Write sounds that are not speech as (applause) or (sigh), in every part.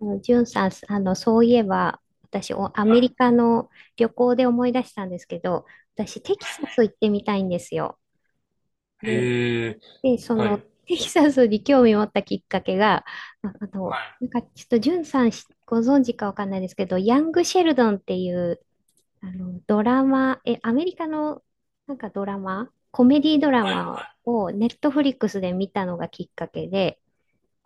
ジュンさん、そういえば、私、アはいメはいリカの旅行で思い出したんですけど、私、テキサス行ってみたいんですよ。はい。で、へえ、で、はい。はいテキサスに興味を持ったきっかけが、はいなんか、ちょっと、ジュンさんご存知かわかんないですけど、ヤング・シェルドンっていう、ドラマ、アメリカの、なんかドラマ、コメディドラはいマを、ネットフリックスで見たのがきっかけで、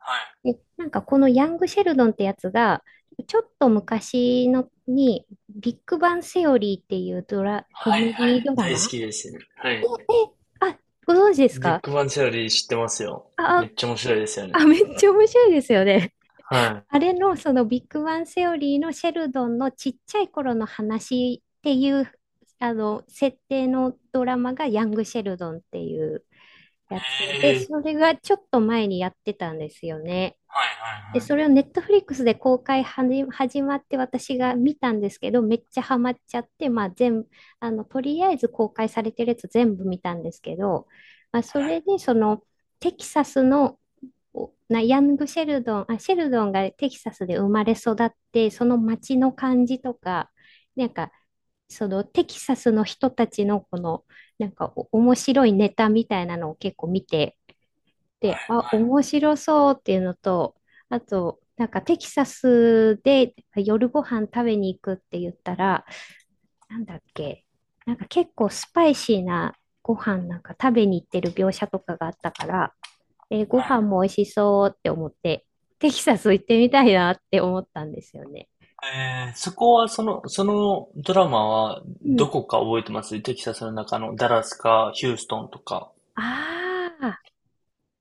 はいで、なんかこのヤング・シェルドンってやつが、ちょっと昔のに、ビッグバン・セオリーっていうコはいはメディい、ドラ大好マきですね。はい。あ、ご存知ですビッか？グバンチャリー知ってますよ。あ、めあ、っちゃ面白いですよね。めっちゃ面白いですよね。(laughs) あはれのそのビッグバン・セオリーのシェルドンのちっちゃい頃の話っていう、設定のドラマがヤング・シェルドンっていうやつい。で、へえ、それがちょっと前にやってたんですよね。はいはで、いはいそれをネットフリックスで公開始まって私が見たんですけど、めっちゃハマっちゃって、まあ全部、とりあえず公開されてるやつ全部見たんですけど、まあはそれいでそのテキサスのおなヤングシェルドン、あ、シェルドンがテキサスで生まれ育って、その街の感じとか、なんか、そのテキサスの人たちのこの、なんか面白いネタみたいなのを結構見て、はいで、は面白そうっていうのと、あと、なんかテキサスで夜ご飯食べに行くって言ったら、なんだっけ、なんか結構スパイシーなご飯なんか食べに行ってる描写とかがあったから、ご飯もい美味しそうって思って、テキサス行ってみたいなって思ったんですよね。はい。そこは、そのドラマは、うどん。こか覚えてます？テキサスの中のダラスか、ヒューストンとか、ああ、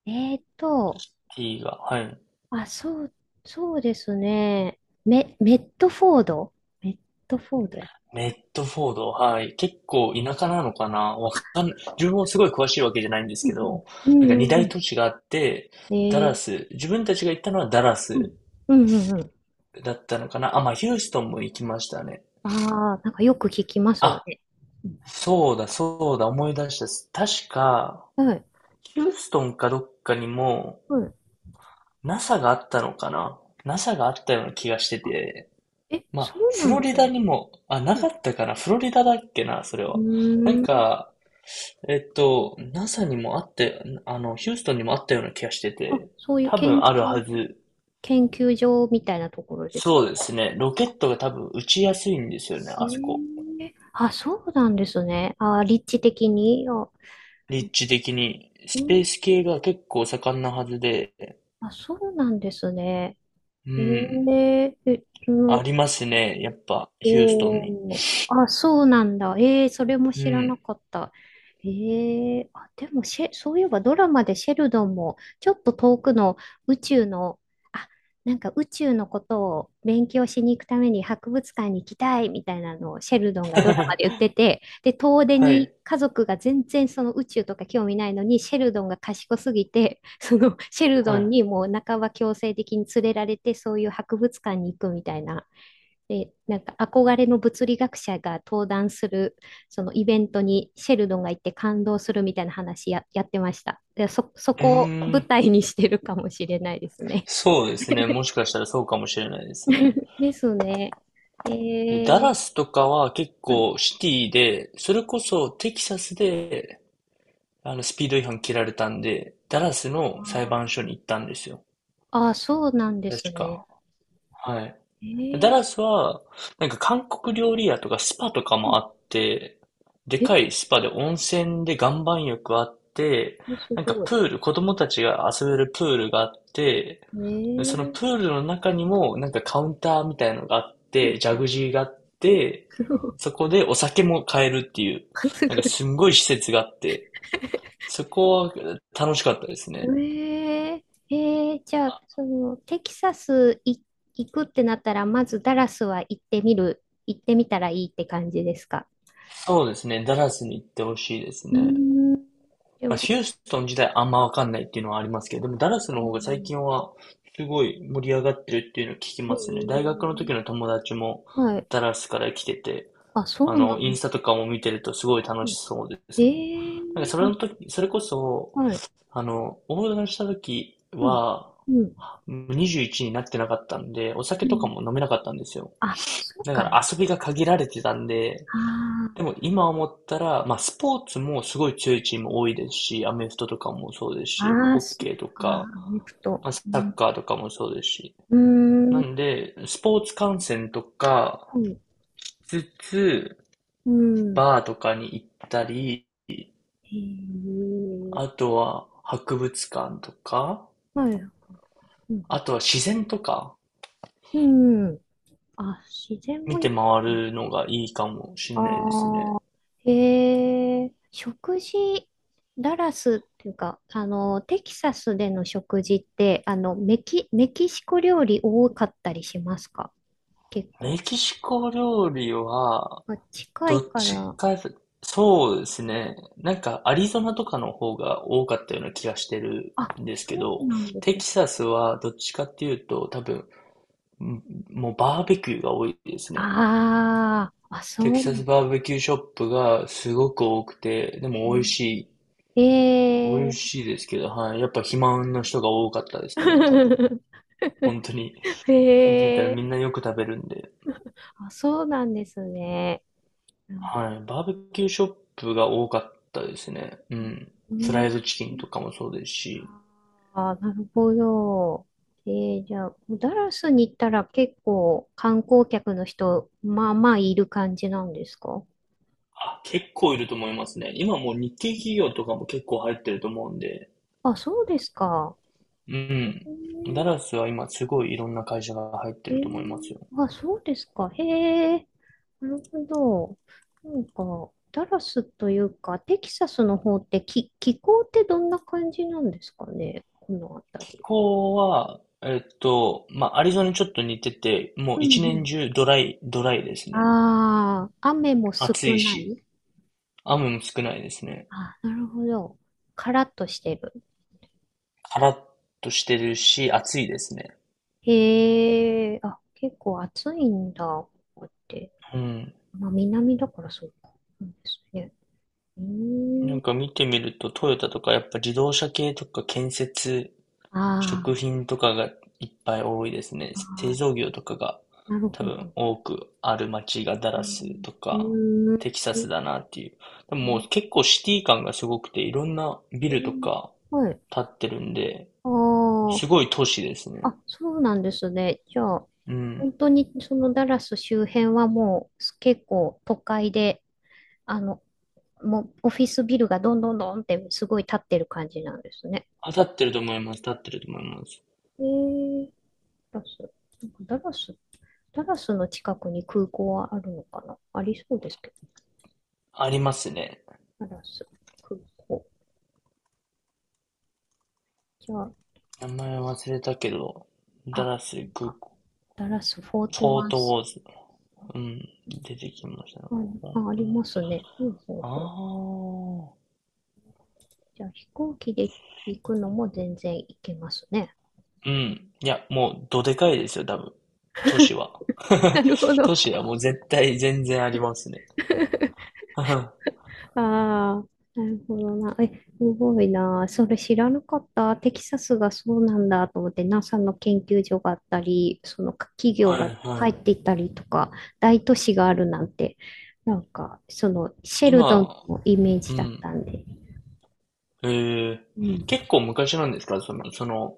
えーと、T が。はい。そう、そうですね。メ、メットフォードメットフォードや。メッドフォード、はい。結構田舎なのかな、わかんない、自分もすごい詳しいわけじゃないんですうけんど、うんうなんか二んうんう大ん都市があって、えダラー、ス、自分たちが行ったのはダラうん、スうんうんうん。だったのかなあ、まあ、ヒューストンも行きましたね。ああ、なんかよく聞きますよあ、ね。うんそうだ、そうだ、思い出したっす。確か、はい、ヒューストンかどっかにも、はい。NASA があったのかな？ NASA があったような気がしてあ、て、まそあ、うフなんロでリすダね。にも、あ、なうかん。ったかな、フロリダだっけな、それうは。なんーん。か、NASA にもあって、ヒューストンにもあったような気がしてて、そういう多分あるはず。研究所みたいなところですそうでか？すね。ロケットが多分打ちやすいんですよね、えあそこ。えそうなんですね。立地的に。立地的に。うスペーん、ス系が結構盛んなはずで、そうなんですね。うえん。ええ、そあの、りますね、やっぱ、ヒューストンに。おー、そうなんだ。それもう知らなん。かった。でもそういえばドラマでシェルドンも、ちょっと遠くの宇宙の、あ、なんか宇宙のことを勉強しに行くために博物館に行きたいみたいなのをシェルドンがドラマで言って (laughs) て、で、遠出はにい、家族が全然その宇宙とか興味ないのに、シェルドンが賢すぎて、(laughs) そのシェルはドンい。にもう半ば強制的に連れられて、そういう博物館に行くみたいな。で、なんか憧れの物理学者が登壇する、そのイベントにシェルドンが行って感動するみたいな話やってました。で、そうこをー舞ん。台にしてるかもしれないですね。そうですね。もしかしたらそうかもしれないですね。(laughs) ですね。えでダー、ラスとかは結はい構シティで、それこそテキサスでスピード違反切られたんで、ダラスの裁判所に行ったんですよ。ああー、そうなんです確ね。か。はい。えダー、ラスは、なんか韓国料理屋とかスパとかもあって、でえかー、いスパで温泉で岩盤浴あって、すなんかごい。プール、子供たちが遊べるプールがあって、えでそのプー、ールの中にもなんかカウンターみたいのがあって、ジャグ (laughs) ジーがあって、そこでお酒も買えるっていう、すなごんかい。すんごい施設があって、そこは楽しかったですね。ええじゃあ、テキサス行くってなったら、まずダラスは行ってみたらいいって感じですか？そうですね。ダラスに行ってほしいですうーね。ん、でまあ、も、ヒューストン自体あんまわかんないっていうのはありますけど、でもダラスうの方が最ん近はすごい盛り上がってるっていうのを聞きますね。大え学の時の友達もはい。ダラスから来てて、そうなんイでンスすタとね。かも見てるとすごい楽うしんそうですもん。ええなんかそれの時、それこそ、はい。オーダーした時うん、は、うん、21になってなかったんで、お酒うとかん。も飲めなかったんですよ。そうだかか。ら遊びが限られてたんで、あでも今思ったら、まあスポーツもすごい強いチーム多いですし、アメフトとかもそうですあ、し、ああ、ホッそうケーとか。か、アメフト。まあ、サうん、ッカーとかもそうですし。うーなん、んで、スポーツ観戦とかうん、しつつ、うん。バーとかに行ったり、えあえとは博物館とか、はい。うあん、とは自然とかうん。自然も見て豊回か。るのがいいかもしれないですね。ああ、へえ、食事、ダラスっていうか、テキサスでの食事って、メキシコ料理多かったりしますか？結メ構。キシコ料理は、近どいっかちら。か、そうですね。なんか、アリゾナとかの方が多かったような気がしてるんですけそうど、なんですテね。キサスはどっちかっていうと、多分、んもうバーベキューが多いですね。ああ、テキそうサなスんバーベキューショップがすごく多くて、でも美味しい。へえ。美へ味え。しいですけど、はい。やっぱ肥満の人が多かったですね、多分。(laughs) 本当に。へ見てみたらえ。みんなよく食べるんで。そうなんですね。うん。はい。バーベキューショップが多かったですね。うん。うフラんイドチキンとかもそうですし。ああ、なるほど。じゃあ、ダラスに行ったら結構観光客の人、まあまあいる感じなんですか？あ、結構いると思いますね。今もう日系企業とかも結構入ってると思うんで。そうですか。うん。ダラスは今すごいいろんな会社が入ってえると思いますー、よ。そうですか。へえ、なるほど。なんか、ダラスというか、テキサスの方って気候ってどんな感じなんですかね、この気辺り。候は、まあ、アリゾナにちょっと似てて、もううんう一年ん。中ドライ、ドライですね。ああ、雨も少暑いなし、い。雨も少ないですね。なるほど。カラッとしてる。カラッとしてるし、暑いですね。へえ、結構暑いんだ、ここって。うん。まあ、南だからそうか。そうですね。うーなん。んか見てみると、トヨタとかやっぱ自動車系とか建設あ食ー品とかがいっぱい多いですね。製造あ業とかがー、なる多ほ分ど。多くある街がダうラースん。とうかーテキサスんだなっていう。でももう結構シティ感がすごくていろんなビうルとんかはい。建ってるんで、あすごい都市ですあ、ね。そうなんですね。じゃあ、うん。本当にそのダラス周辺はもう結構都会で、あの、もうオフィスビルがどんどんどんってすごい建ってる感じなんですね。あ、建ってると思います。建ってると思います。えー、ダラス。なんかダラスの近くに空港はあるのかな？ありそうですけありますね。ど。ダラス、空港。じゃあ、名前忘れたけど、ダあ、ラスなん空か、港、ダラス、フォーフトォワーントウス。ォーズ。うん。出てきましたね。あ、ここ、あうりん、ますね。ほうほうあほう。あ。じゃあ、飛行機で行くのも全然行けますね。うん。いや、もう、どでかいですよ、多分。都市は。(laughs) (laughs) なるほ都ど。市はもう絶対全然ありますね。(laughs) はああ、なるほどな。すごいな。それ知らなかった。テキサスがそうなんだと思って、NASA の研究所があったり、その企業がいは入っい。ていたりとか、大都市があるなんて、なんか、そのシェルドン今、のイメーうジだっん。たんで。えーうん。結構昔なんですか、その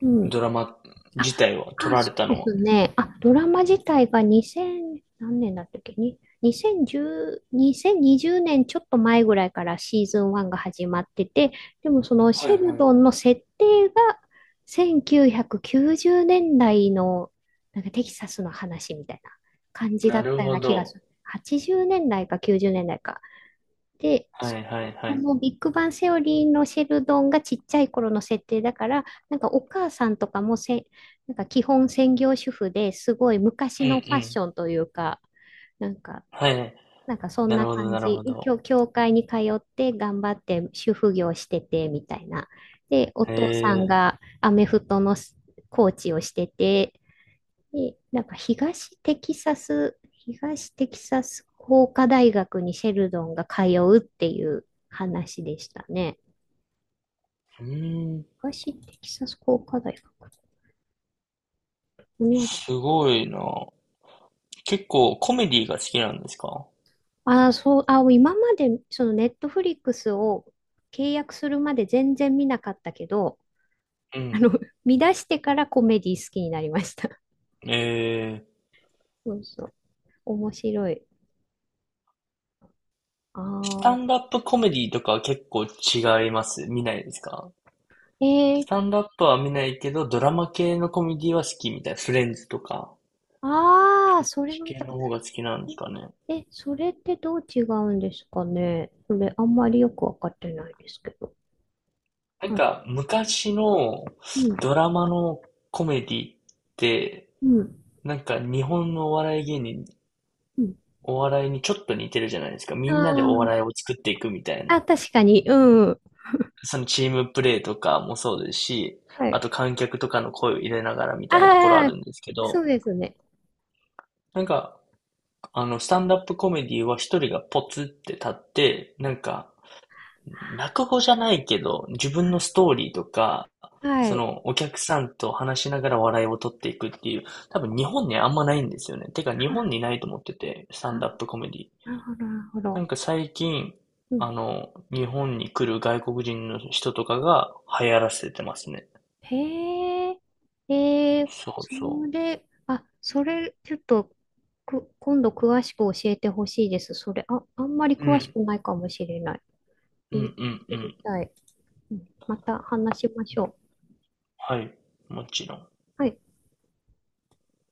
うドん。ラマ自体は、撮られそたうのでは。すね。ドラマ自体が2000、何年だったっけに、2010、2020年ちょっと前ぐらいからシーズン1が始まってて、でもそのはいシェルはドンの設定が1990年代のなんかテキサスの話みたいな感い。じだなっるたようほな気がすど。る。80年代か90年代か。で、はそいはいこはい。のビッグバンセオリーのシェルドンがちっちゃい頃の設定だから、なんかお母さんとかもなんか基本専業主婦ですごいう昔んうのファッシん。ョンというか、なんか、はい。なんかそんなるなほど感なるじ。ほど。教会に通って頑張って主婦業しててみたいな。で、おえ父さんえ、がアメフトのコーチをしてて、で、なんか東テキサス工科大学にシェルドンが通うっていう話でしたね。うーん。東テキサス工科大学。ここにある。すごいな。結構コメディが好きなんですか？あー、そう、今までそのネットフリックスを契約するまで全然見なかったけど、うあん。の、(laughs) 見出してからコメディ好きになりました。(laughs) ええ、そうそう。面白い。あスタあ。ンダップコメディとかは結構違います？見ないですか？えスー、タンダップは見ないけど、ドラマ系のコメディは好きみたいな。フレンズとか、あそあ、っそれちも見系た。の方が好きなんですかね。え、それってどう違うんですかね？それあんまりよくわかってないですけど。なんあ、か、昔のうん、ドラマのコメディって、うん、なんか日本のお笑い芸人、うん。お笑いにちょっと似てるじゃないですか。みんなでお笑あいを作っていくみたいあ、な。確かに、うん。そのチームプレーとかもそうですし、はあい。と観客とかの声を入れながらみたいなところああるあ、んですけそど、うですね。なんかスタンダップコメディは一人がポツって立って、なんか、落語じゃないけど、自分のストーリーとか、はそい。の、お客さんと話しながら笑いを取っていくっていう、多分日本にあんまないんですよね。てか日本にないと思ってて、スあタンダップコメディ。あ、なるほど、なるほなど。んか最近、うん。日本に来る外国人の人とかが流行らせてますね。へえ、ええそうそそれ、ちょっと、今度詳しく教えてほしいです。それ、あ、あんまりう。う詳しん、くないかもしれない。えうー、ん、うん、う知りん。たい。うんまた話しましょはい、もちろん。う。はい。